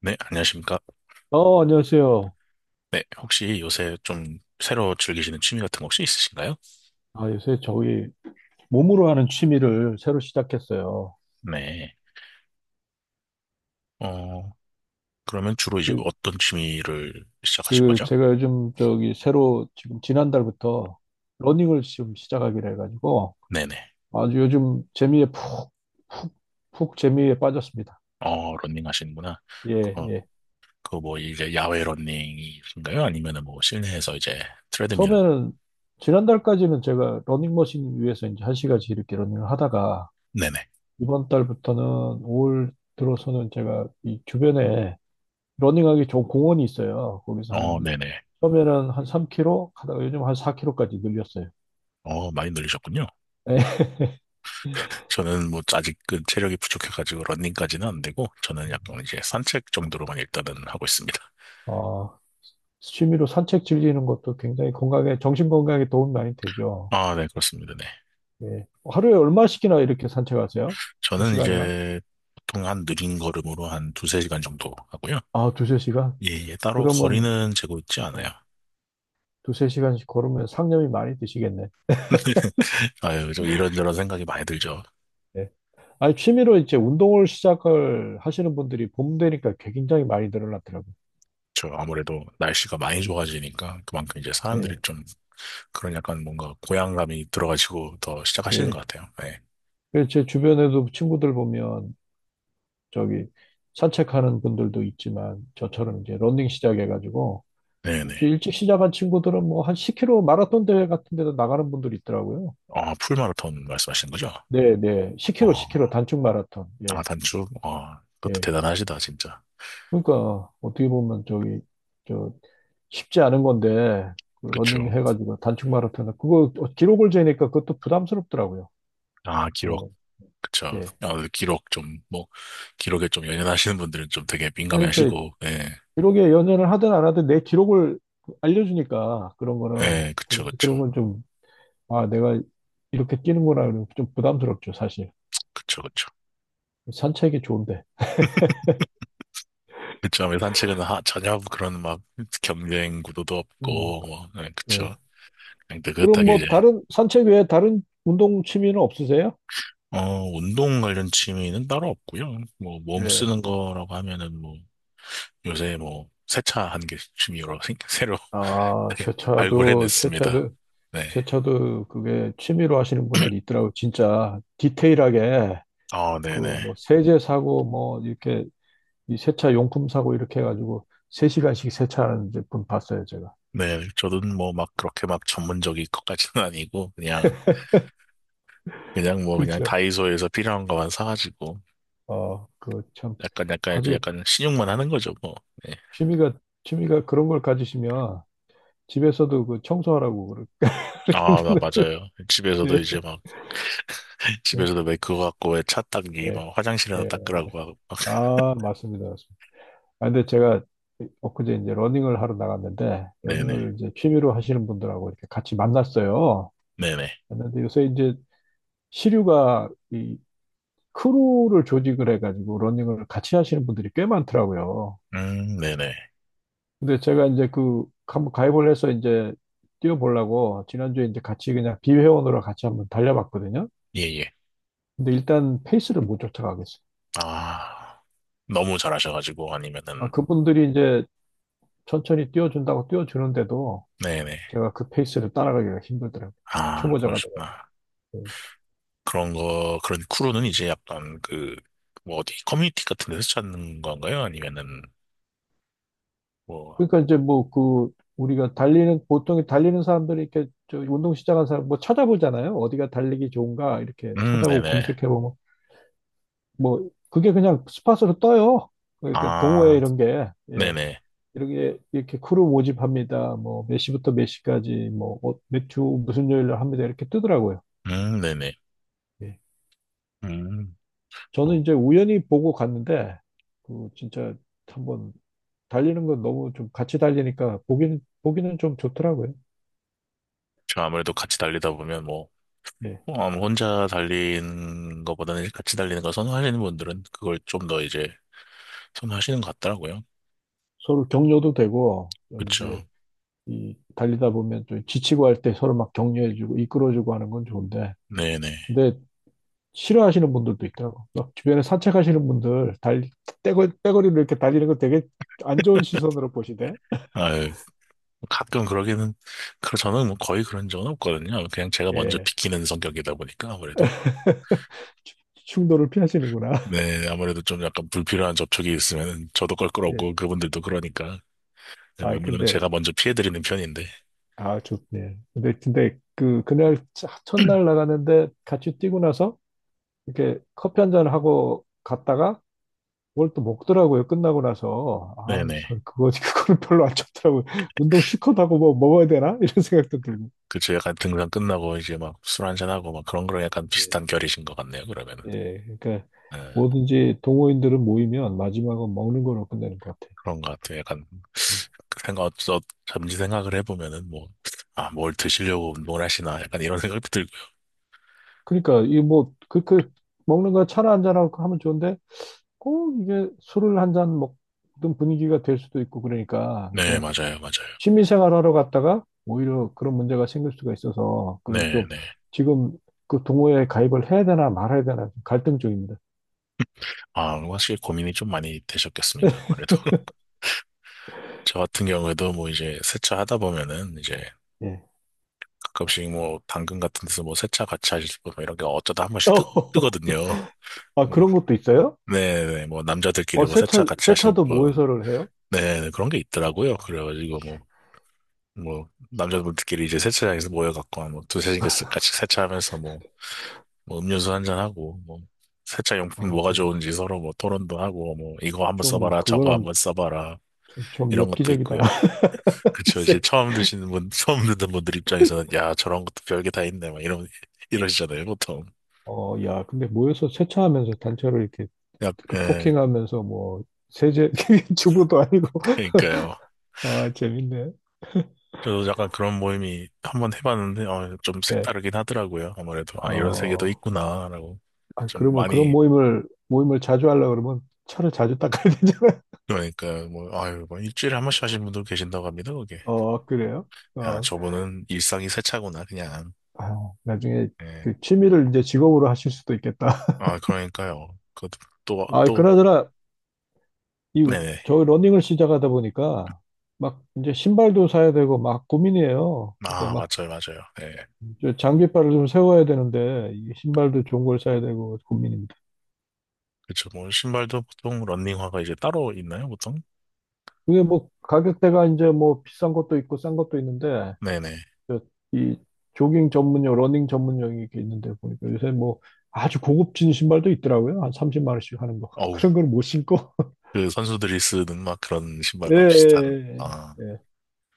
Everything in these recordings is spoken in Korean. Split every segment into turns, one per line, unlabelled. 네, 안녕하십니까.
어, 안녕하세요.
네, 혹시 요새 좀 새로 즐기시는 취미 같은 거 혹시 있으신가요?
아, 요새 저기 몸으로 하는 취미를 새로 시작했어요.
네. 어, 그러면 주로 이제
그,
어떤 취미를 시작하신 거죠?
제가 요즘 저기 새로 지금 지난달부터 러닝을 지금 시작하기로 해가지고
네네.
아주 요즘 재미에 푹, 푹, 푹 재미에 빠졌습니다.
어, 러닝 하시는구나.
예,
그거,
예.
그거 뭐 이제 야외 러닝이신가요? 아니면은 뭐 실내에서 이제 트레드밀?
처음에는 지난달까지는 제가 러닝머신 위에서 이제 1시간씩 이렇게 러닝을 하다가
네네.
이번 달부터는 올월 들어서는 제가 이 주변에 러닝하기 좋은 공원이 있어요. 거기서 한,
어, 네네.
처음에는 한 3km, 하다가 요즘 한 4km까지 늘렸어요.
어, 많이 늘리셨군요.
예.
저는 뭐 아직 그 체력이 부족해가지고 러닝까지는 안 되고, 저는 약간 이제 산책 정도로만 일단은 하고 있습니다.
어, 취미로 산책 즐기는 것도 굉장히 건강에, 정신 건강에 도움 많이 되죠.
아, 네, 그렇습니다. 네.
예. 하루에 얼마씩이나 이렇게 산책하세요? 몇
저는
시간이나?
이제 보통 한 느린 걸음으로 한 두세 시간 정도 하고요.
아, 두세 시간?
예, 예, 따로
그러면,
거리는 재고 있지 않아요.
예, 두세 시간씩 걸으면 상념이 많이 드시겠네.
아유, 저 이런저런 생각이 많이 들죠.
예. 아니, 취미로 이제 운동을 시작을 하시는 분들이 봄 되니까 굉장히 많이 늘어났더라고요.
저 아무래도 날씨가 많이 좋아지니까 그만큼 이제 사람들이
예,
좀 그런 약간 뭔가 고향감이 들어가지고 더 시작하시는
예.
것 같아요. 네.
그래서 제 주변에도 친구들 보면 저기 산책하는 분들도 있지만 저처럼 이제 러닝 시작해가지고 좀
네네.
일찍 시작한 친구들은 뭐 한 10km 마라톤 대회 같은 데도 나가는 분들이 있더라고요.
어, 풀마라톤 말씀하시는 거죠?
네, 네.
어,
10km, 10km 단축 마라톤.
아,
예,
단축? 어, 그것도
예.
대단하시다, 진짜.
그러니까 어떻게 보면 저기 저 쉽지 않은 건데 그
그쵸.
러닝 해가지고 단축 마라톤 그거 기록을 재니까 그것도 부담스럽더라고요.
아,
그런
기록.
거.
그쵸.
예.
아무래도 기록 좀, 뭐, 기록에 좀 연연하시는 분들은 좀 되게 민감해
아니 그
하시고, 예,
기록에 연연을 하든 안 하든 내 기록을 알려주니까 그런 거는
예, 그쵸, 그쵸.
그런 건좀 아, 내가 이렇게 뛰는 거라 그러면 좀 부담스럽죠, 사실.
그쵸, 그쵸.
산책이 좋은데.
그쵸. 아무래도 산책은 하, 전혀 그런 막 경쟁 구도도 없고,
음,
뭐, 예, 그쵸.
네.
그냥
그럼
느긋하게 이제,
뭐 다른 산책 외에 다른 운동 취미는 없으세요?
어, 운동 관련 취미는 따로 없고요. 뭐, 몸
네.
쓰는 거라고 하면은 뭐, 요새 뭐, 세차하는 게 취미로 생- 새로
아, 세차도
발굴해냈습니다.
세차도
네.
세차도 그게 취미로 하시는 분들이 있더라고요. 진짜 디테일하게
어,
그
네네.
뭐 세제 사고 뭐 이렇게 이 세차 용품 사고 이렇게 해가지고 3시간씩 세차하는 이제 분 봤어요, 제가.
네, 저는 뭐 막 그렇게 막 전문적인 것까지는 아니고 그냥 그냥
그렇죠.
다이소에서 필요한 것만 사가지고
어, 그 참
약간 이제
아주
약간 신용만 하는 거죠 뭐. 네.
취미가 그런 걸 가지시면 집에서도 그 청소하라고 그렇게 그렇게
아, 나
했는데
맞아요. 집에서도
예.
이제 막 집에서도 왜 그거 갖고 왜 차 닦기
예.
막 화장실에다
예.
닦으라고 하고 막
아, 맞습니다. 맞습니다. 아, 근데 제가 엊그제 이제 러닝을 하러 나갔는데
네네
러닝을 이제 취미로 하시는 분들하고 이렇게 같이 만났어요.
네네
근데 요새 이제 시류가 이 크루를 조직을 해가지고 러닝을 같이 하시는 분들이 꽤 많더라고요.
네네
근데 제가 이제 그 한번 가입을 해서 이제 뛰어보려고 지난주에 이제 같이 그냥 비회원으로 같이 한번 달려봤거든요.
예예
근데 일단 페이스를 못 쫓아가겠어요.
아 너무 잘하셔가지고
아,
아니면은
그분들이 이제 천천히 띄워준다고 띄워주는데도
네네
제가 그 페이스를 따라가기가 힘들더라고요.
아
초보자가
그러시구나
돼가지고.
그런 크루는 이제 약간 그, 뭐 어디 커뮤니티 같은 데서 찾는 건가요? 아니면은, 뭐,
그러니까 이제 뭐 그 우리가 달리는 보통 달리는 사람들이 이렇게 저 운동 시작한 사람 뭐 찾아보잖아요. 어디가 달리기 좋은가 이렇게 찾아보고
네네.
검색해보면 뭐 그게 그냥 스팟으로 떠요. 그러니까 동호회
아,
이런 게 예.
네네.
이렇게 이렇게 크루 모집합니다. 뭐 몇 시부터 몇 시까지 뭐 어, 몇주 무슨 요일로 합니다. 이렇게 뜨더라고요.
네네.
예.
음,
저는
뭐,
이제 우연히 보고 갔는데, 그 진짜 한번 달리는 건 너무 좀 같이 달리니까 보기는 좀 좋더라고요.
저 아무래도 같이 달리다 보면 뭐,
예.
뭐 아무 혼자 달리는 것보다는 이제 같이 달리는 걸 선호하시는 분들은 그걸 좀 더 이제 선호하시는 것 같더라고요.
서로 격려도 되고, 좀
그쵸.
이제 이 달리다 보면 좀 지치고 할 때 서로 막 격려해주고 이끌어주고 하는 건 좋은데,
네네.
근데 싫어하시는 분들도 있더라고. 막 주변에 산책하시는 분들, 달, 떼거리로 이렇게 달리는 거 되게 안 좋은 시선으로 보시대.
아유, 가끔 그러기는, 그, 저는 뭐 거의 그런 적은 없거든요. 그냥 제가 먼저
예.
비키는 성격이다 보니까 아무래도.
충돌을 피하시는구나.
네, 아무래도 좀 약간 불필요한 접촉이 있으면 저도
예.
껄끄럽고 그분들도 그러니까
아,
웬만하면
근데
제가 먼저 피해드리는 편인데.
아, 좋네. 그, 그날 첫날 나가는데 같이 뛰고 나서 이렇게 커피 한 잔 하고 갔다가 뭘 또 먹더라고요. 끝나고 나서. 아,
네네.
저 그거, 그거는 별로 안 좋더라고요. 운동 실컷 하고 뭐 먹어야 되나? 이런 생각도 들고.
그쵸. 약간 등산 끝나고 이제 막 술 한잔하고 막 그런 거랑 약간
예,
비슷한 결이신 것 같네요, 그러면은.
예, 그러니까
네,
뭐든지 동호인들은 모이면 마지막은 먹는 걸로 끝내는 것 같아요.
그런 것 같아요. 약간
네.
생각, 어, 잠시 생각을 해보면은 뭐, 아, 뭘 드시려고 운동을 하시나 약간 이런 생각도 들고요.
그러니까 이 뭐, 먹는 거 차나 한 잔하고 하면 좋은데 꼭 이게 술을 한 잔 먹던 분위기가 될 수도 있고 그러니까.
네,
그러니까
맞아요, 맞아요.
취미생활 하러 갔다가 오히려 그런 문제가 생길 수가 있어서 그
네,
좀
네.
지금 그 동호회에 가입을 해야 되나 말아야 되나 좀 갈등 중입니다.
아, 확실히 고민이 좀 많이 되셨겠습니다, 아무래도. 저 같은 경우에도 뭐 이제 세차 하다 보면은 이제
예.
가끔씩 뭐 당근 같은 데서 뭐 세차 같이 하실 분 뭐 이런 게 어쩌다 한 번씩 뜨, 뜨거든요.
아,
뭐,
그런 것도 있어요?
네네 뭐 남자들끼리
어,
뭐 세차
세차,
같이 하실
세차도
분
모여서를 해요?
네, 그런 게 있더라고요.
어,
그래가지고 뭐 뭐 남자분들끼리 이제 세차장에서 모여갖고 한뭐 두세 시간씩 같이 세차하면서 뭐, 뭐 음료수 한 잔 하고 뭐 세차 용품
아,
뭐가
좀,
좋은지 서로 뭐 토론도 하고 뭐 이거 한번
좀,
써봐라 저거
그거는
한번 써봐라
좀, 좀
이런 것도 있고요.
엽기적이다.
그쵸 이제
글쎄.
처음 드시는 분 처음 듣는 분들 입장에서는 야 저런 것도 별게 다 있네 막 이런 이러시잖아요 보통.
어, 야, 근데 모여서 세차하면서 단체로 이렇게
약,
그
예,
토킹하면서 뭐, 세제, 주부도 아니고.
그러니까요.
아, 재밌네.
저도 약간 그런 모임이 한번 해봤는데, 어, 좀
예.
색다르긴 하더라고요. 아무래도, 아, 이런 세계도
어.
있구나라고.
아,
좀
그러면 그런
많이,
모임을 자주 하려고 그러면 차를 자주 닦아야 되잖아요.
그러니까, 뭐, 아유, 뭐, 일주일에 한 번씩 하시는 분도 계신다고 합니다, 그게.
어, 그래요?
야,
어,
저분은 일상이 세차구나, 그냥.
아, 나중에
예.
그 취미를 이제 직업으로 하실 수도 있겠다.
아, 그러니까요. 그, 또,
아,
또,
그나저나 이
네네.
저 러닝을 시작하다 보니까 막 이제 신발도 사야 되고 막 고민이에요.
아,
그러니까
맞아요, 맞아요. 예.
막저 장비빨을 좀 세워야 되는데 이 신발도 좋은 걸 사야 되고 고민입니다.
그쵸, 뭐, 신발도 보통 런닝화가 이제 따로 있나요, 보통?
이게 뭐 가격대가 이제 뭐 비싼 것도 있고 싼 것도 있는데
네네.
그러니까 이 조깅 전문용, 러닝 전문용이 이렇게 있는데 보니까 요새 뭐 아주 고급진 신발도 있더라고요. 한 30만 원씩 하는 거.
어우,
그런 걸 못 신고.
그 선수들이 쓰는 막 그런
예,
신발과 비슷한,
예,
아.
예. 예.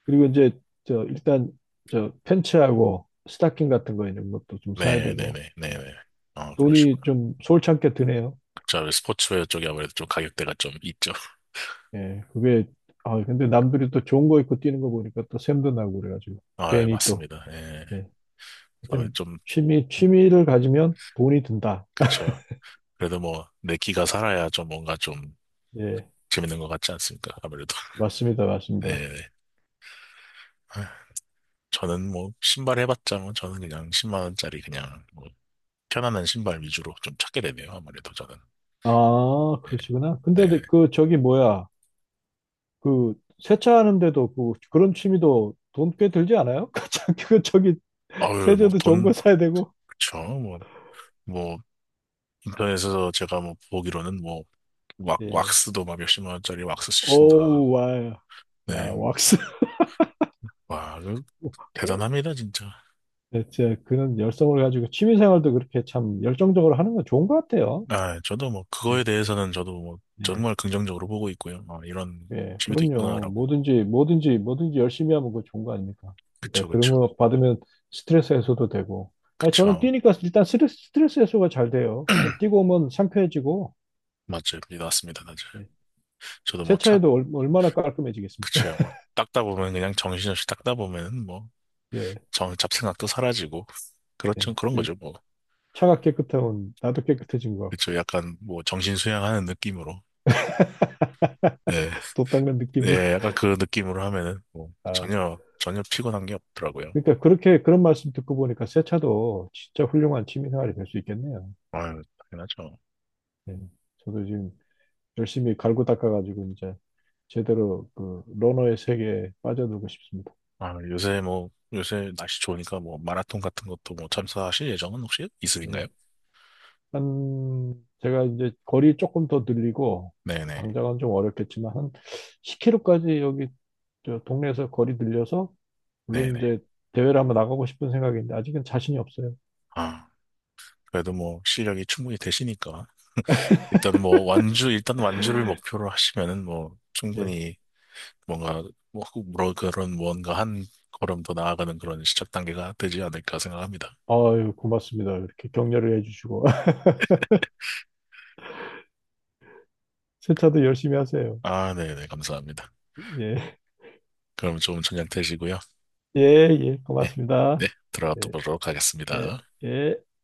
그리고 이제 저 일단 저 팬츠하고 스타킹 같은 거 이런 것도 좀 사야 되고
네네네, 네네. 아,
돈이
그러시구나.
좀 솔찬게 드네요.
자, 왜 스포츠웨어 쪽이 아무래도 좀 가격대가 좀 있죠.
예, 그게 아 근데 남들이 또 좋은 거 입고 뛰는 거 보니까 또 샘도 나고 그래가지고
아, 예,
괜히 또
맞습니다. 예.
예.
다음에
하여튼
좀,
취미를 가지면 돈이 든다.
그쵸. 그래도 뭐, 내 키가 살아야 좀 뭔가 좀
예,
재밌는 것 같지 않습니까? 아무래도.
맞습니다, 맞습니다.
네네. 아, 저는 뭐, 신발 해봤자 뭐, 저는 그냥 10만 원짜리 그냥, 뭐, 편안한 신발 위주로 좀 찾게 되네요. 아무래도 저는.
아,
예.
그러시구나.
네.
근데 네, 그 저기 뭐야? 그 세차하는데도 그 그런 취미도 돈 꽤 들지 않아요? 그 저기 그 저기
아유, 뭐,
세제도 좋은 거
돈,
사야 되고.
그쵸. 뭐, 뭐, 인터넷에서 제가 뭐, 보기로는 뭐, 왁,
예.
왁스도 막 몇십만 원짜리 왁스 쓰신다.
오우 와. 야,
네,
왁스.
와, 그
어?
대단합니다, 진짜.
대체 그런 열성을 가지고 취미 생활도 그렇게 참 열정적으로 하는 건 좋은 것 같아요.
아, 저도 뭐, 그거에
예.
대해서는 저도 뭐,
예.
정말 긍정적으로 보고 있고요. 아, 이런
예,
집이도
그럼요.
있구나라고.
뭐든지, 뭐든지, 뭐든지 열심히 하면 그거 좋은 거 아닙니까?
그쵸,
그러니까 그런
그쵸.
거 받으면 스트레스 해소도 되고. 아니, 저는
그쵸.
뛰니까 일단 스트레스 해소가 잘 돼요. 좀 뛰고 오면 상쾌해지고,
맞죠. 믿 왔습니다, 맞아요.
예.
저도 뭐, 차,
세차해도 얼마나 깔끔해지겠습니까?
그쵸. 뭐, 닦다 보면, 그냥 정신없이 닦다 보면, 뭐,
예,
정, 잡생각도 사라지고.
예.
그렇죠. 그런
그
거죠, 뭐.
차가 깨끗하면 나도 깨끗해진 것 같고,
그쵸. 약간, 뭐, 정신 수양하는 느낌으로. 네.
도 닦는 느낌으로.
네, 약간 그 느낌으로 하면은, 뭐,
아,
전혀, 전혀 피곤한 게 없더라고요.
그러니까 그렇게, 그런 말씀 듣고 보니까 세차도 진짜 훌륭한 취미생활이 될 수 있겠네요.
아유, 당연하죠.
예. 저도 지금 열심히 갈고 닦아가지고 이제 제대로 그 러너의 세계에 빠져들고 싶습니다.
아, 요새 뭐, 요새 날씨 좋으니까 뭐, 마라톤 같은 것도 뭐, 참가하실 예정은 혹시 있으신가요?
예. 한 제가 이제 거리 조금 더 늘리고
네네.
당장은 좀 어렵겠지만 한 10km까지 여기 저 동네에서 거리 늘려서 물론
네네.
이제 대회를 한번 나가고 싶은 생각인데 아직은 자신이 없어요.
아, 그래도 뭐, 실력이 충분히 되시니까. 일단은 뭐, 완주, 일단 완주를 목표로 하시면은 뭐,
예.
충분히 뭔가, 뭐, 뭐 그런 무언가 한 걸음 더 나아가는 그런 시작 단계가 되지 않을까 생각합니다.
아유, 고맙습니다. 이렇게 격려를 해주시고. 세차도 열심히 하세요.
아, 네네. 감사합니다.
예.
그럼 좀 저녁 되시고요.
예, 예.
예. 네.
고맙습니다.
들어가
예,
보도록
예,
하겠습니다.
예.